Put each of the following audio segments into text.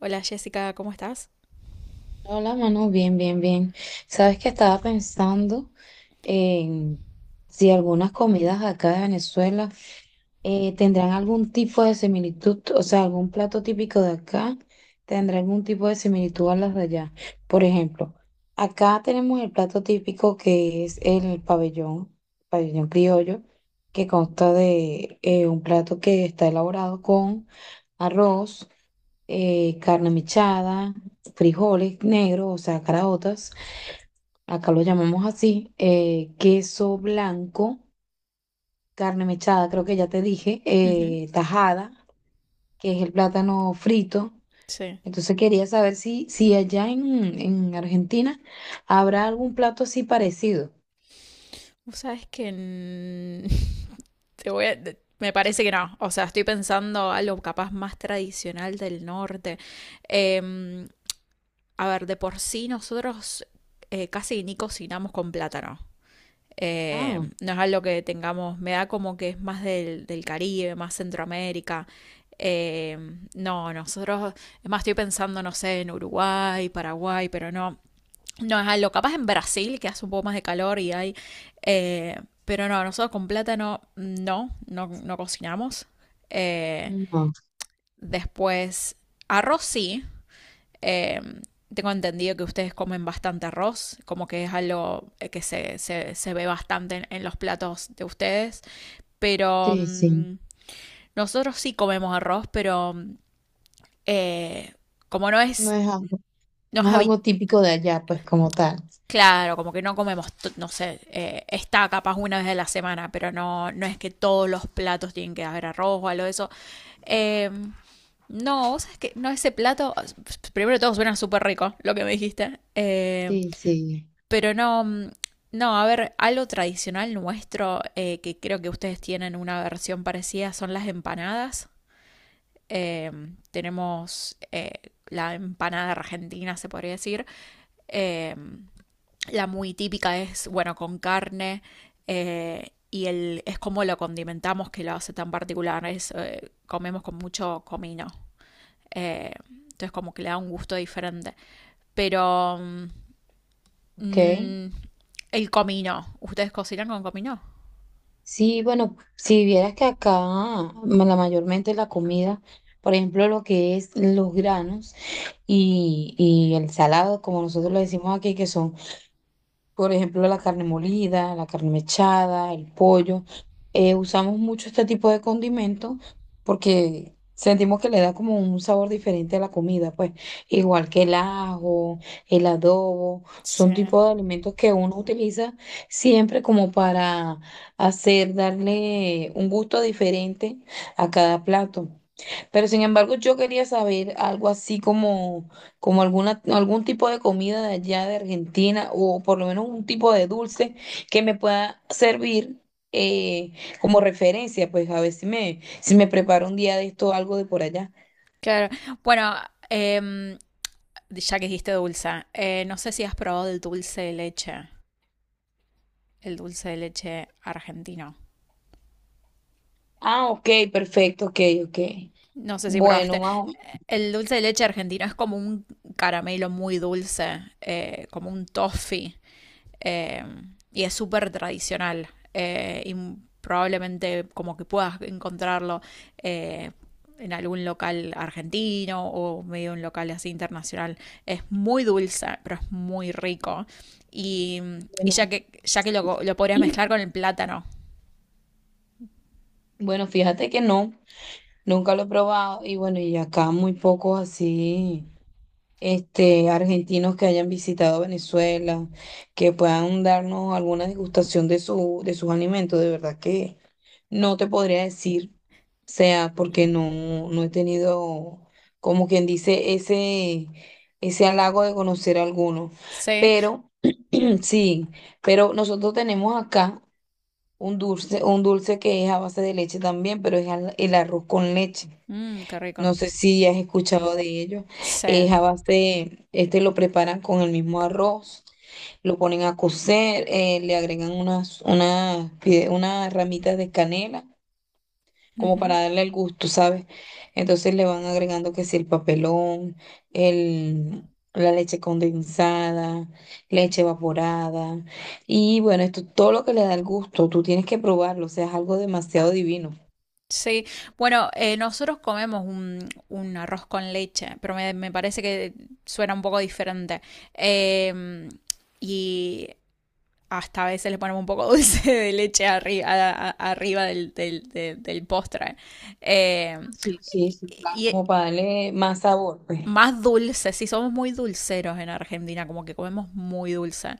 Hola Jessica, ¿cómo estás? Hola, Manu, bien, bien, bien. Sabes que estaba pensando en si algunas comidas acá de Venezuela tendrán algún tipo de similitud, o sea, algún plato típico de acá tendrá algún tipo de similitud a las de allá. Por ejemplo, acá tenemos el plato típico que es el pabellón, pabellón criollo, que consta de un plato que está elaborado con arroz, carne mechada, frijoles negros, o sea, caraotas, acá lo llamamos así, queso blanco, carne mechada, creo que ya te dije, Ujú. Tajada, que es el plátano frito. Sí. Entonces quería saber si, si allá en Argentina habrá algún plato así parecido. Vos sabés que te voy a- te- Me parece que no. O sea, estoy pensando algo capaz más tradicional del norte. Em, a ver, de por sí nosotros casi ni cocinamos con plátano. Ah, No es algo que tengamos. Me da como que es más del Caribe, más Centroamérica. No, nosotros. Es más, estoy pensando, no sé, en Uruguay, Paraguay, pero no. No es algo, capaz en Brasil, que hace un poco más de calor y hay... pero no, nosotros con plátano no, no, no cocinamos. Eh, no, Después, arroz sí. Eh, Tengo entendido que ustedes comen bastante arroz, como que es algo que se ve bastante en los platos de ustedes. Pero sí, sí. Nosotros sí comemos arroz, pero eh, como no No es, es algo, no es no es habi- algo típico de allá, pues, como tal. claro, como que no comemos, no sé, está capaz una vez a la semana, pero no, no es que todos los platos tienen que haber arroz o algo de eso. Eh, no, vos sabés que no, ese plato, primero de todo suena súper rico, lo que me dijiste, Sí, sí. pero no, no, a ver, algo tradicional nuestro, que creo que ustedes tienen una versión parecida, son las empanadas. Eh, Tenemos la empanada argentina, se podría decir. Eh, la muy típica es, bueno, con carne y el, es como lo condimentamos que lo hace tan particular. Es, comemos con mucho comino. Entonces como que le da un gusto diferente. Pero Ok. mm, el comino, ¿ustedes cocinan con comino? Sí, bueno, si vieras que acá la mayormente la comida, por ejemplo, lo que es los granos y el salado, como nosotros lo decimos aquí, que son, por ejemplo, la carne molida, la carne mechada, el pollo. Usamos mucho este tipo de condimentos porque sentimos que le da como un sabor diferente a la comida, pues, igual que el ajo, el adobo, Sí. son tipos de alimentos que uno utiliza siempre como para hacer, darle un gusto diferente a cada plato. Pero sin embargo, yo quería saber algo así como, como alguna, algún tipo de comida de allá de Argentina o por lo menos un tipo de dulce que me pueda servir eh, como referencia, pues, a ver si me, si me preparo un día de esto algo de por allá. Claro. Bueno, em, ya que dijiste dulce, no sé si has probado el dulce de leche, el dulce de leche argentino. Ah, ok, perfecto, ok, ok. No sé si Bueno, probaste. más o El dulce de leche argentino es como un caramelo muy dulce, como un toffee, eh, y es súper tradicional. Y probablemente como que puedas encontrarlo eh, en algún local argentino o medio un local así internacional. Es muy dulce, pero es muy rico. Y, y menos. Bueno, ya que lo podrías mezclar con el plátano. bueno, fíjate que no, nunca lo he probado y bueno, y acá muy pocos así. Este, argentinos que hayan visitado Venezuela, que puedan darnos alguna degustación de su, de sus alimentos. De verdad que no te podría decir, o sea, porque no, no he tenido, como quien dice, ese halago de conocer alguno. Sí. Pero sí, pero nosotros tenemos acá un dulce que es a base de leche también, pero es el arroz con leche. Mm, qué rico. No sé si has escuchado de ellos. Sí. Es a base, este lo preparan con el mismo arroz, lo ponen a cocer, le agregan unas, unas, unas ramitas de canela, como Ujú. para darle el gusto, ¿sabes? Entonces le van agregando que si el papelón, el, la leche condensada, leche evaporada. Y bueno, esto todo lo que le da el gusto, tú tienes que probarlo, o sea, es algo demasiado divino. Sí, bueno, nosotros comemos un arroz con leche, pero me parece que suena un poco diferente. Em, y hasta a veces le ponemos un poco dulce de leche arri- arriba, del postre. Em, Ah, sí, sí, sí, claro, y, como para darle más sabor, pues. más dulce, sí, somos muy dulceros en Argentina, como que comemos muy dulce.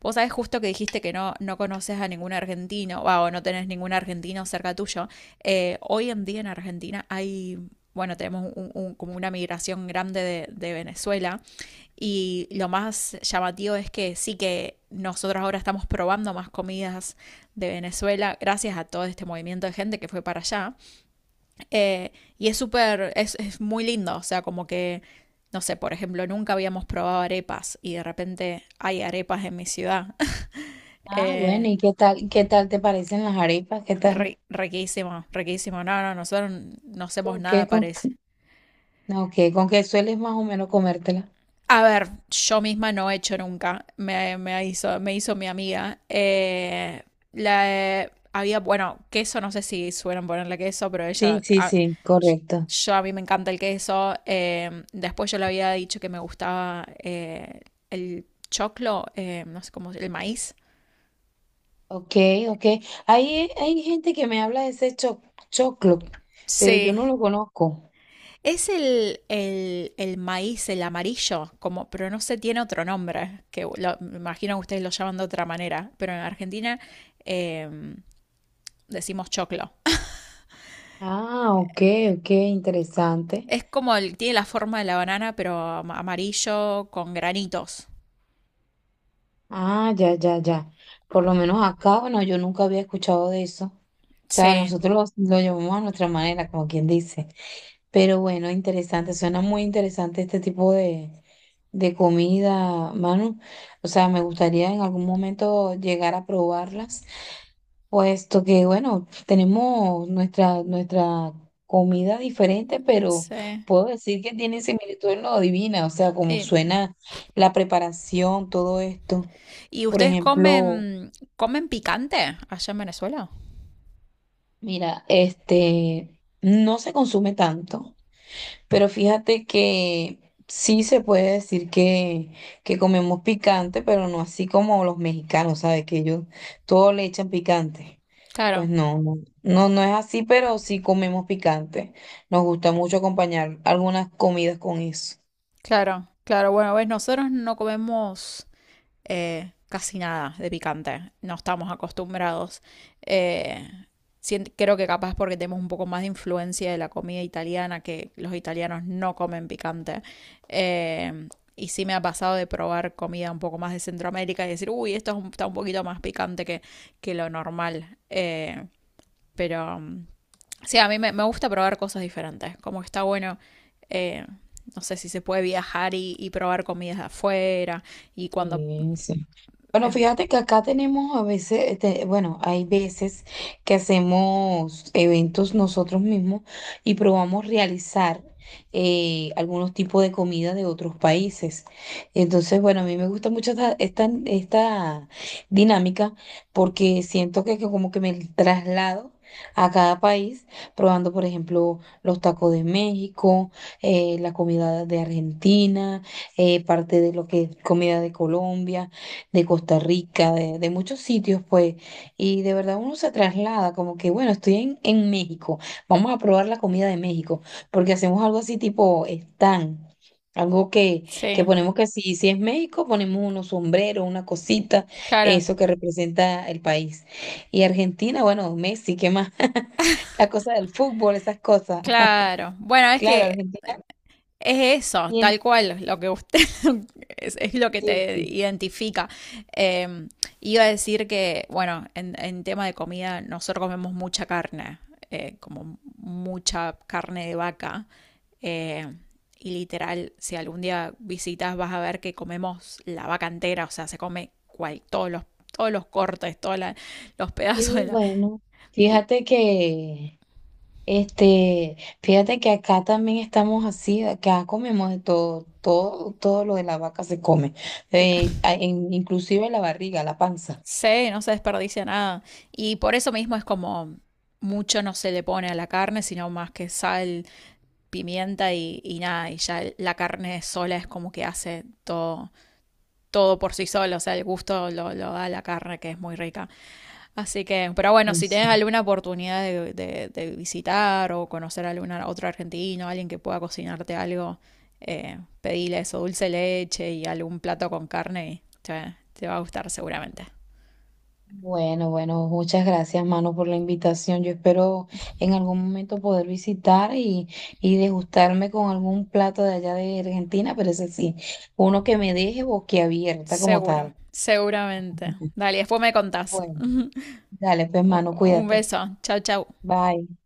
Vos sabés justo que dijiste que no, no conoces a ningún argentino, wow, o no tenés ningún argentino cerca tuyo. Hoy en día en Argentina hay, bueno, tenemos como una migración grande de Venezuela y lo más llamativo es que sí que nosotros ahora estamos probando más comidas de Venezuela gracias a todo este movimiento de gente que fue para allá. Eh, y es súper, es muy lindo, o sea, como que, no sé, por ejemplo, nunca habíamos probado arepas y de repente hay arepas en mi ciudad. Ah, bueno, Eh, ¿y qué tal te parecen las arepas? ¿Qué tal? Ri- riquísimo, riquísimo. No, no, nosotros no hacemos ¿Con qué, nada con, parec-. no, ok, con qué sueles más o menos comértela? A ver, yo misma no he hecho nunca, me hizo mi amiga. La, había, bueno, queso, no sé si suelen ponerle queso, pero Sí, ella, sí, a, sí, correcto. yo a mí me encanta el queso. Después yo le había dicho que me gustaba el choclo, no sé cómo, el maíz. Ok, ok. Hay gente que me habla de ese cho choclo, pero yo Sí, no lo conozco. es el maíz, el amarillo, como, pero no sé, tiene otro nombre, que me imagino que ustedes lo llaman de otra manera, pero en Argentina eh, decimos choclo. Ah, ok, ok, interesante. Es como el, tiene la forma de la banana, pero amarillo con granitos. Ah, ya, ya, ya. Por lo menos acá, bueno, yo nunca había escuchado de eso. O sea, Sí, nosotros lo llevamos a nuestra manera, como quien dice. Pero bueno, interesante, suena muy interesante este tipo de comida, Manu. O sea, me gustaría en algún momento llegar a probarlas, puesto que, bueno, tenemos nuestra, nuestra comida diferente, pero sí. puedo decir que tiene similitud en lo divina, o sea, como Eh, suena la preparación, todo esto. ¿Y Por ustedes ejemplo, comen, comen picante allá en Venezuela? mira, este no se consume tanto, pero fíjate que sí se puede decir que comemos picante, pero no así como los mexicanos, ¿sabes? Que ellos todo le echan picante. Claro, Pues no, no, no, no es así, pero sí comemos picante. Nos gusta mucho acompañar algunas comidas con eso. claro, claro. Bueno, ves, nosotros no comemos casi nada de picante. No estamos acostumbrados. Eh, Creo que capaz porque tenemos un poco más de influencia de la comida italiana, que los italianos no comen picante. Eh, y sí me ha pasado de probar comida un poco más de Centroamérica y decir, uy, esto es está un poquito más picante que lo normal. Pero sí, a mí me gusta probar cosas diferentes. Como que está bueno. eh, no sé si se puede viajar y probar comidas de afuera y cuando Sí, sí. Bueno, es fíjate que acá tenemos a veces, este, bueno, hay veces que hacemos eventos nosotros mismos y probamos realizar algunos tipos de comida de otros países. Entonces, bueno, a mí me gusta mucho esta, esta, esta dinámica porque siento que como que me traslado. A cada país, probando, por ejemplo, los tacos de México, la comida de Argentina, parte de lo que es comida de Colombia, de Costa Rica, de muchos sitios, pues, y de verdad uno se traslada como que, bueno, estoy en México, vamos a probar la comida de México, porque hacemos algo así tipo stand, algo que sí, ponemos que si, si es México, ponemos unos sombreros, una cosita, claro, eso que representa el país. Y Argentina, bueno, Messi, ¿qué más? La cosa del fútbol, esas cosas. claro. Bueno, es Claro, que Argentina es eso, tiene, tal cual, lo que usted es lo que sí, te sí. identifica. Eh, Iba a decir que, bueno, en tema de comida, nosotros comemos mucha carne, como mucha carne de vaca. eh, y literal, si algún día visitas, vas a ver que comemos la vaca entera, o sea, se come cual, todos los cortes, los pedazos de Y la. bueno, fíjate que... Este, fíjate que acá también estamos así, acá comemos de todo, todo, todo lo de la vaca se come, inclusive la barriga, la panza. Sí, no se desperdicia nada. Y por eso mismo es como mucho no se le pone a la carne, sino más que sal, pimienta y nada. Y ya la carne sola es como que hace todo, todo por sí sola. O sea, el gusto lo da la carne, que es muy rica. Así que, pero bueno, Sí, si tienes sí. alguna oportunidad de visitar o conocer a alguna, otro argentino, alguien que pueda cocinarte algo, pedile eso, dulce de leche y algún plato con carne y te va a gustar seguramente. Bueno, bueno, muchas gracias, mano, por la invitación. Yo espero en algún momento poder visitar y degustarme con algún plato de allá de Argentina, pero ese sí, uno que me deje boquiabierta como Seguro, tal. seguramente. Dale, después me contás. Bueno, dale, pues, U- mano, Un cuídate. beso. Chau, chau. Bye.